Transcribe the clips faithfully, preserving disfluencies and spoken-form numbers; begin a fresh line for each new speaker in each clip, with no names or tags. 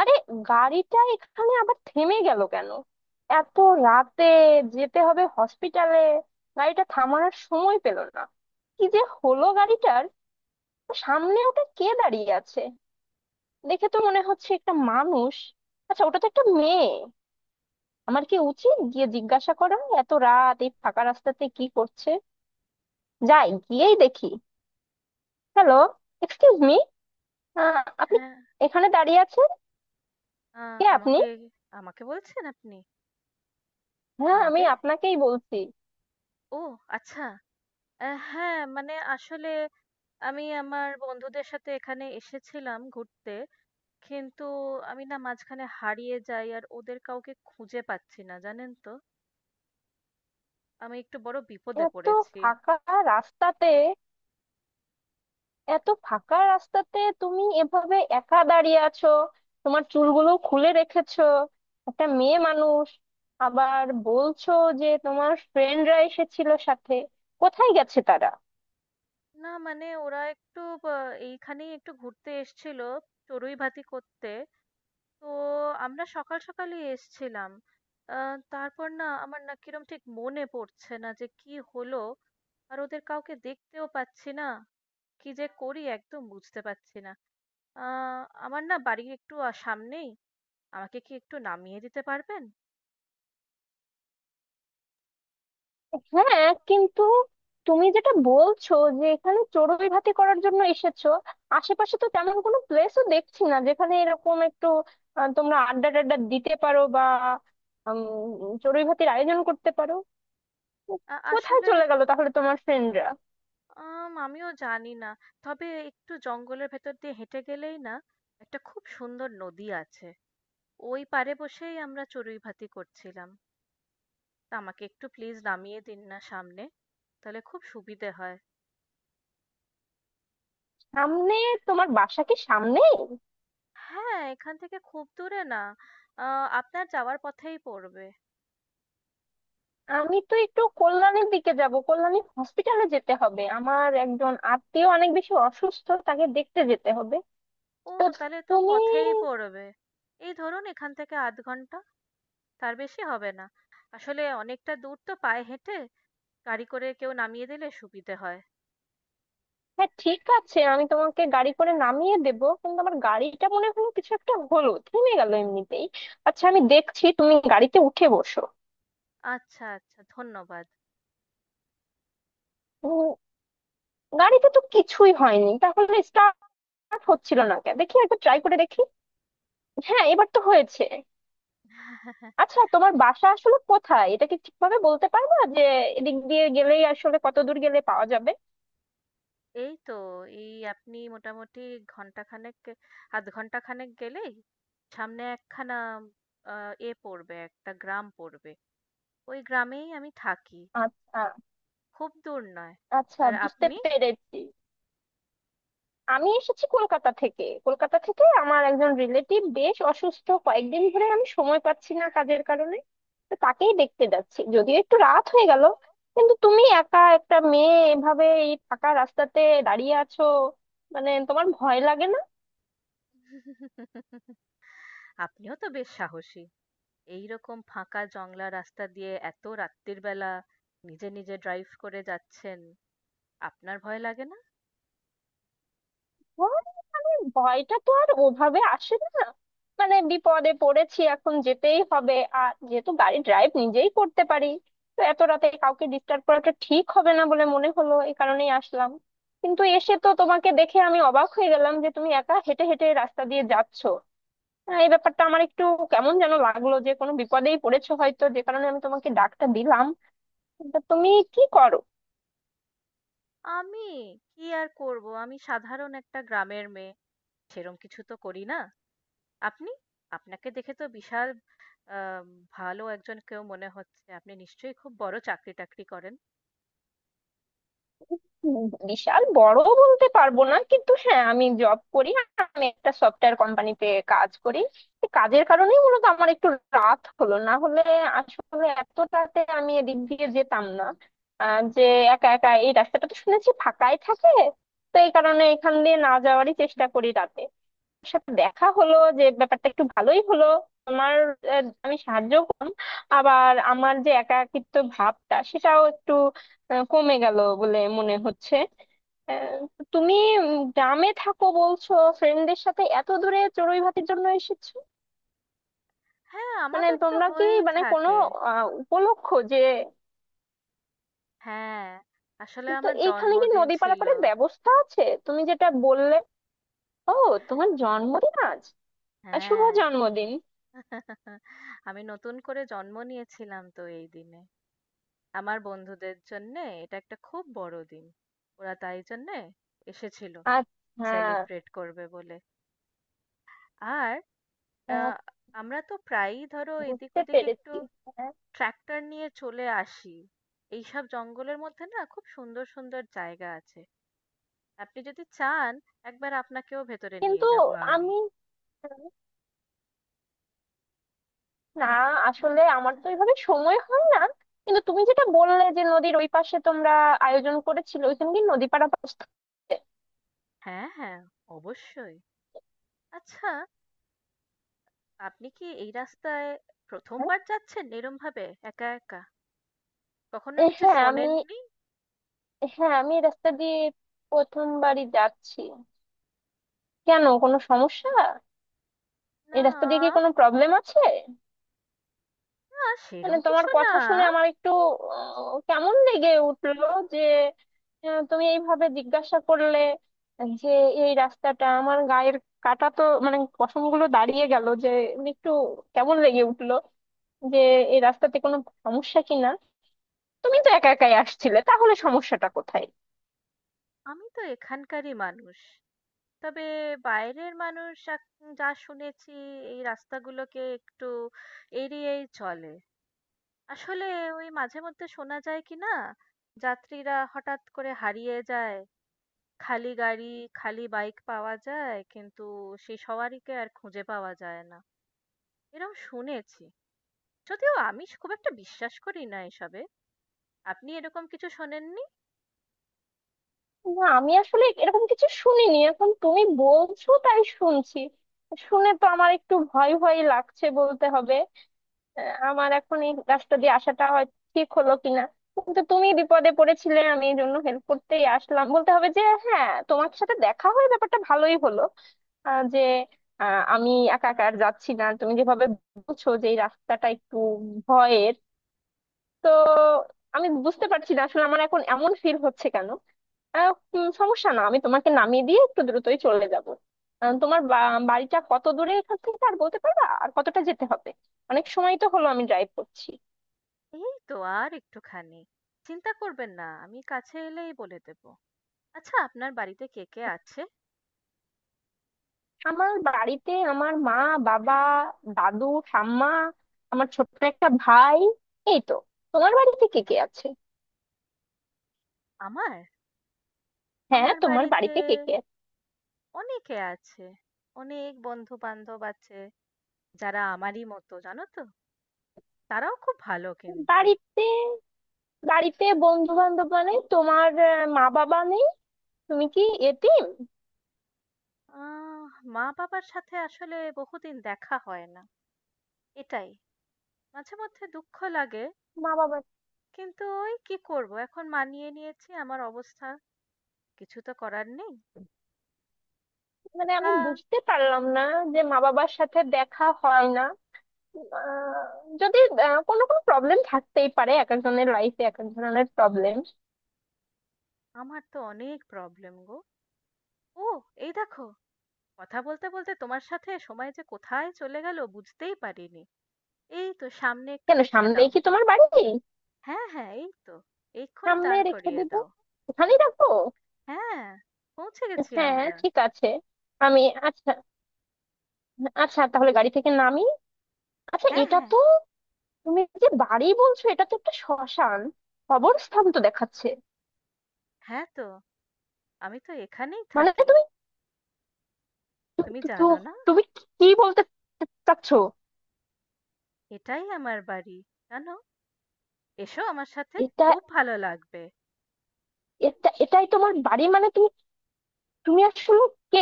আরে, গাড়িটা এখানে আবার থেমে গেল কেন? এত রাতে যেতে হবে হসপিটালে, গাড়িটা থামানোর সময় পেল না। কি যে হলো গাড়িটার! সামনে ওটা কে দাঁড়িয়ে আছে? দেখে তো মনে হচ্ছে একটা মানুষ। আচ্ছা, ওটা তো একটা মেয়ে। আমার কি উচিত গিয়ে জিজ্ঞাসা করা? এত রাত এই ফাঁকা রাস্তাতে কি করছে? যাই, গিয়েই দেখি। হ্যালো, এক্সকিউজ মি, আপনি
হ্যাঁ,
এখানে দাঁড়িয়ে আছেন?
আ
কে আপনি?
আমাকে আমাকে বলছেন আপনি?
হ্যাঁ, আমি
আমাকে?
আপনাকেই বলছি।
ও আচ্ছা। অ্যা হ্যাঁ, মানে আসলে আমি আমার বন্ধুদের সাথে এখানে এসেছিলাম ঘুরতে। কিন্তু আমি না মাঝখানে হারিয়ে যাই আর ওদের কাউকে খুঁজে পাচ্ছি না, জানেন তো? আমি একটু বড় বিপদে
এত
পড়েছি।
ফাঁকা রাস্তাতে, এত ফাঁকা রাস্তাতে তুমি এভাবে একা দাঁড়িয়ে আছো, তোমার চুলগুলো খুলে রেখেছো, একটা মেয়ে মানুষ। আবার বলছো যে তোমার ফ্রেন্ডরা এসেছিল সাথে, কোথায় গেছে তারা?
না মানে ওরা একটু ব এইখানেই একটু ঘুরতে এসেছিল চড়ুইভাতি করতে। তো আমরা সকাল সকালই এসছিলাম। আ তারপর না আমার না কিরম ঠিক মনে পড়ছে না যে কি হলো? আর ওদের কাউকে দেখতেও পাচ্ছি না। কি যে করি একদম বুঝতে পারছি না। আ আমার না বাড়ি একটু আ সামনেই। আমাকে কি একটু নামিয়ে দিতে পারবেন?
হ্যাঁ, কিন্তু তুমি যেটা বলছো যে এখানে চড়ুই ভাতি করার জন্য এসেছো, আশেপাশে তো তেমন কোনো প্লেসও দেখছি না যেখানে এরকম একটু আহ, তোমরা আড্ডা টাড্ডা দিতে পারো বা উম, চড়ুই ভাতির আয়োজন করতে পারো।
আ
কোথায়
আসলে
চলে গেল তাহলে তোমার ফ্রেন্ডরা?
আম আমিও জানি না। তবে একটু জঙ্গলের ভেতর দিয়ে হেঁটে গেলেই না একটা খুব সুন্দর নদী আছে। ওই পাড়ে বসেই আমরা চড়ুইভাতি করছিলাম। তা আমাকে একটু প্লিজ নামিয়ে দিন না সামনে, তাহলে খুব সুবিধে হয়।
সামনে তোমার বাসা কি সামনেই?
হ্যাঁ, এখান থেকে খুব দূরে না। আহ, আপনার যাওয়ার পথেই পড়বে।
আমি তো একটু কল্যাণীর দিকে যাব, কল্যাণী হসপিটালে যেতে হবে, আমার একজন আত্মীয় অনেক বেশি অসুস্থ, তাকে দেখতে যেতে হবে।
ও
তো
তাহলে তো
তুমি,
পথেই পড়বে। এই ধরুন এখান থেকে আধ ঘন্টা, তার বেশি হবে না। আসলে অনেকটা দূর তো পায়ে হেঁটে, গাড়ি করে কেউ নামিয়ে দিলে সুবিধে হয়।
হ্যাঁ ঠিক আছে, আমি তোমাকে গাড়ি করে নামিয়ে দেব, কিন্তু আমার গাড়িটা মনে হলো কিছু একটা হলো, থেমে গেল এমনিতেই। আচ্ছা, আমি দেখছি, তুমি গাড়িতে উঠে বসো।
আচ্ছা আচ্ছা, ধন্যবাদ।
উম, গাড়িতে তো কিছুই হয়নি, তাহলে স্টার্ট হচ্ছিল না কেন? দেখি একবার ট্রাই করে দেখি। হ্যাঁ, এবার তো হয়েছে। আচ্ছা, তোমার বাসা আসলে কোথায়, এটা কি ঠিকভাবে বলতে পারবা যে এদিক দিয়ে গেলেই আসলে কত দূর গেলে পাওয়া যাবে?
এই তো, এই আপনি মোটামুটি ঘন্টাখানেক, এক দুই ঘন্টা খানেক গেলেই সামনে একখানা আ এ পড়বে, একটা গ্রাম পড়বে। ওই গ্রামেই আমি থাকি।
আচ্ছা
খুব দূর নয়।
আচ্ছা,
আর
বুঝতে
আপনি?
পেরেছি। আমি এসেছি কলকাতা থেকে। কলকাতা থেকে আমার একজন রিলেটিভ বেশ অসুস্থ, কয়েকদিন ধরে আমি সময় পাচ্ছি না কাজের কারণে। তো তাকেই দেখতে যাচ্ছি, যদিও একটু রাত হয়ে গেল। কিন্তু তুমি একা একটা মেয়ে এভাবে এই ফাঁকা রাস্তাতে দাঁড়িয়ে আছো, মানে তোমার ভয় লাগে না?
আপনিও তো বেশ সাহসী। এইরকম ফাঁকা জংলা রাস্তা দিয়ে এত রাত্তির বেলা নিজে, নিজে ড্রাইভ করে যাচ্ছেন। আপনার ভয় লাগে না?
ভয়, মানে ভয়টা তো আর ওভাবে আসে না। মানে বিপদে পড়েছি, এখন যেতেই হবে। আর যেহেতু গাড়ি ড্রাইভ নিজেই করতে পারি, তো এত রাতে কাউকে ডিস্টার্ব করাটা ঠিক হবে না বলে মনে হলো, এই কারণেই আসলাম। কিন্তু এসে তো তোমাকে দেখে আমি অবাক হয়ে গেলাম যে তুমি একা হেঁটে হেঁটে রাস্তা দিয়ে যাচ্ছো। আহ, এই ব্যাপারটা আমার একটু কেমন যেন লাগলো, যে কোনো বিপদেই পড়েছো হয়তো, যে কারণে আমি তোমাকে ডাকটা দিলাম। তা তুমি কি করো?
আমি! কি আর করব? আমি সাধারণ একটা গ্রামের মেয়ে। সেরম কিছু তো করি না। আপনি? আপনাকে দেখে তো বিশাল আ ভালো একজন কেউ মনে হচ্ছে। আপনি নিশ্চয়ই খুব বড় চাকরি-টাকরি করেন?
উম, বিশাল বড় বলতে পারবো না, কিন্তু হ্যাঁ, আমি জব করি। আমি একটা সফটওয়্যার কোম্পানিতে কাজ করি। এই কাজের কারণেই মূলত আমার একটু রাত হলো, না হলে আসলে এত রাতে আমি এদিক দিয়ে যেতাম না। আহ, যে একা একা এই রাস্তাটা তো শুনেছি ফাঁকাই থাকে, তো এই কারণে এখান দিয়ে না যাওয়ারই চেষ্টা করি রাতে। তোমার সাথে দেখা হলো, যে ব্যাপারটা একটু ভালোই হলো। তোমার আহ, আমি সাহায্য, আবার আমার যে একাকিত্ব ভাবটা সেটাও একটু আহ, কমে গেল বলে মনে হচ্ছে। আহ, তুমি উম, গ্রামে থাকো বলছো, ফ্রেন্ডদের সাথে এত দূরে চড়ুই ভাতির জন্য এসেছো,
হ্যাঁ,
মানে
আমাদের তো
তোমরা কি
হয়েই
মানে কোনো
থাকে।
আহ, উপলক্ষ যে,
হ্যাঁ, আসলে
তো
আমার
এখানে কি
জন্মদিন
নদী
ছিল।
পারাপারের ব্যবস্থা আছে তুমি যেটা বললে? ও, তোমার জন্মদিন আজ। আহ, শুভ
হ্যাঁ,
জন্মদিন।
আমি নতুন করে জন্ম নিয়েছিলাম তো এই দিনে। আমার বন্ধুদের জন্যে এটা একটা খুব বড় দিন। ওরা তাই জন্যে এসেছিল
আচ্ছা, হ্যাঁ,
সেলিব্রেট করবে বলে। আর আ আমরা তো প্রায়ই ধরো এদিক
বুঝতে
ওদিক একটু
পেরেছি। হ্যাঁ,
ট্রাক্টর নিয়ে চলে আসি। এইসব জঙ্গলের মধ্যে না খুব সুন্দর সুন্দর জায়গা আছে। আপনি যদি চান একবার আপনাকেও ভেতরে নিয়ে
কিন্তু
যাব আমি।
আমি না আসলে আমার তো এইভাবে সময় হয় না, কিন্তু তুমি যেটা বললে যে নদীর ওই পাশে তোমরা আয়োজন করেছিলে, ওইখানে কি নদী পারাপার স্থান?
হ্যাঁ হ্যাঁ, অবশ্যই। আচ্ছা, আপনি কি এই রাস্তায় প্রথমবার যাচ্ছেন এরম ভাবে একা একা? কখনো
এ,
কিছু
হ্যাঁ, আমি
শোনেননি?
হ্যাঁ আমি এই রাস্তা দিয়ে প্রথমবারই যাচ্ছি। কেন, কোনো সমস্যা? এই রাস্তা দিয়ে কি
না,
কোনো প্রবলেম আছে?
না
মানে
সেরম
তোমার
কিছু না।
কথা শুনে আমার একটু আহ, কেমন লেগে উঠলো যে আহ, তুমি এইভাবে জিজ্ঞাসা করলে যে, এই রাস্তাটা আমার গায়ের কাটা তো মানে পশমগুলো দাঁড়িয়ে গেল যে, একটু কেমন লেগে উঠলো যে এই রাস্তাতে কোনো সমস্যা কিনা। তুমি তো একা একাই আসছিলে, তাহলে সমস্যাটা কোথায়?
আমি তো এখানকারই মানুষ। তবে বাইরের মানুষ এক- যা শুনেছি এই রাস্তাগুলোকে একটু এড়িয়েই চলে। আসলে ওই মাঝে মধ্যে শোনা যায় কি না, যাত্রীরা হঠাৎ করে হারিয়ে যায়। খালি গাড়ি, খালি বাইক পাওয়া যায়, কিন্তু সেই সওয়ারিকে আর খুঁজে পাওয়া যায় না। এরম শুনেছি। যদিও আমি খুব একটা বিশ্বাস করি না এসবে। আপনি এরকম কিছু শোনেননি?
না, আমি আসলে এরকম কিছু শুনিনি, এখন তুমি বলছো তাই শুনছি। শুনে তো আমার একটু ভয় ভয় লাগছে বলতে হবে। আহ, আমার এখন এই রাস্তা দিয়ে আসাটা হয় ঠিক হলো কিনা, কিন্তু তুমি বিপদে পড়েছিলে, আমি এই জন্য হেল্প করতেই আসলাম বলতে হবে যে, হ্যাঁ, তোমার সাথে দেখা হয়ে ব্যাপারটা ভালোই হলো। আহ, যে আহ, আমি একা একা আর যাচ্ছি না তুমি যেভাবে বলছো যে এই রাস্তাটা একটু ভয়ের। আমি বুঝতে পারছি না আসলে আমার এখন এমন ফিল হচ্ছে কেন। আহ, উম, সমস্যা না, আমি তোমাকে নামিয়ে দিয়ে একটু দ্রুতই চলে যাব। আহ, তোমার বা- বাড়িটা কত দূরে এখান থেকে, আর বলতে পারবা আর কতটা যেতে হবে? অনেক সময় তো হলো আমি ড্রাইভ করছি।
এই তো আর একটুখানি। চিন্তা করবেন না, আমি কাছে এলেই বলে দেব। আচ্ছা, আপনার বাড়িতে কে কে আছে?
আমার বাড়িতে আমার মা, বাবা, দাদু, ঠাম্মা, আমার ছোট্ট একটা ভাই, এই তো। তোমার বাড়িতে কে কে আছে?
আমার?
হ্যাঁ,
আমার
তোমার
বাড়িতে
বাড়িতে কে কে আছে?
অনেকে আছে। অনেক বন্ধু বান্ধব আছে। যারা আমারই মতো, জানো তো, তারাও খুব ভালো কিন্তু।
বাড়িতে, বাড়িতে বন্ধু বান্ধব, মানে তোমার আহ, মা বাবা নেই? তুমি কি এতিম?
আহ মা বাবার সাথে আসলে বহুদিন দেখা হয় না, এটাই মাঝে মধ্যে দুঃখ লাগে।
মা বাবা,
কিন্তু ওই কি করব, এখন মানিয়ে নিয়েছি আমার অবস্থা, কিছু তো করার নেই।
মানে আমি
তা
বুঝতে পারলাম না যে মা বাবার সাথে দেখা হয় না। আহ, যদি আহ, কোনো কোনো প্রবলেম থাকতেই পারে, এক একজনের লাইফে এক এক ধরনের প্রবলেম।
আমার তো অনেক প্রবলেম গো। ও এই দেখো, কথা বলতে বলতে তোমার সাথে সময় যে কোথায় চলে গেল বুঝতেই পারিনি। এই তো সামনে একটু
কেন,
রেখে
সামনেই
দাও।
কি তোমার বাড়ি?
হ্যাঁ হ্যাঁ এই তো, এক্ষুনি
সামনে
দাঁড়
রেখে
করিয়ে
দিব,
দাও।
ওখানেই রাখবো।
হ্যাঁ, পৌঁছে গেছি
হ্যাঁ
আমরা।
ঠিক আছে, আমি আচ্ছা, আচ্ছা তাহলে গাড়ি থেকে নামি। আচ্ছা,
হ্যাঁ
এটা
হ্যাঁ।
তো তুমি যে বাড়ি বলছো, এটা তো একটা শ্মশান, কবরস্থান তো দেখাচ্ছে।
হ্যাঁ তো, আমি তো এখানেই
মানে
থাকি।
তুমি, তু-
তুমি
তু- তু-
জানো না,
তুমি কি বলতে চাচ্ছো?
এটাই আমার বাড়ি, জানো। এসো আমার সাথে,
এটা
খুব ভালো লাগবে।
এটা এটাই তোমার বাড়ি? মানে তুমি তুমি আসলে কে?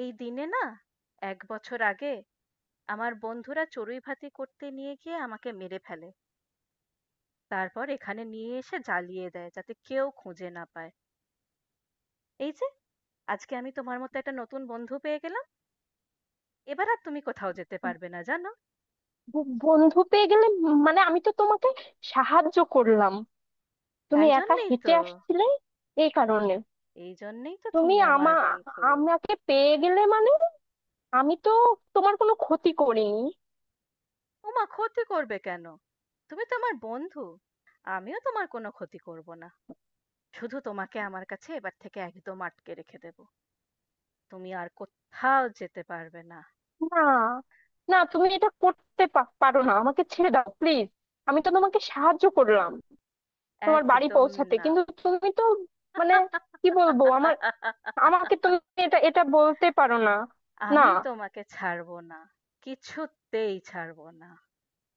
এই দিনে না, এক বছর আগে আমার বন্ধুরা চড়ুই ভাতি করতে নিয়ে গিয়ে আমাকে মেরে ফেলে। তারপর এখানে নিয়ে এসে জ্বালিয়ে দেয় যাতে কেউ খুঁজে না পায়। এই যে আজকে আমি তোমার মতো একটা নতুন বন্ধু পেয়ে গেলাম। এবার আর তুমি কোথাও যেতে পারবে না, জানো।
ব- বন্ধু পেয়ে গেলে? মানে আমি তো তোমাকে সাহায্য করলাম, তুমি
তাই
একা
জন্যেই
হেঁটে
তো।
আসছিলে এই কারণে।
এই জন্যেই তো
তুমি
তুমি
আমা
আমার বন্ধু।
আমাকে পেয়ে গেলে মানে? আমি তো তোমার কোনো ক্ষতি করিনি।
ওমা, ক্ষতি করবে কেন? তুমি তো আমার বন্ধু। আমিও তোমার কোনো ক্ষতি করব না। শুধু তোমাকে আমার কাছে এবার থেকে একদম আটকে রেখে দেব। তুমি আর কোথাও যেতে পারবে না।
না, না, তুমি এটা করতে পা- পারো না, আমাকে ছেড়ে দাও প্লিজ। আমি তো তোমাকে সাহায্য করলাম তোমার বাড়ি
একদম
পৌঁছাতে,
না।
কিন্তু তুমি তো, মানে কি বলবো আমার, আমাকে তুমি এটা এটা বলতে পারো না। না।
আমি তোমাকে ছাড়বো না, কিছুতেই ছাড়বো না।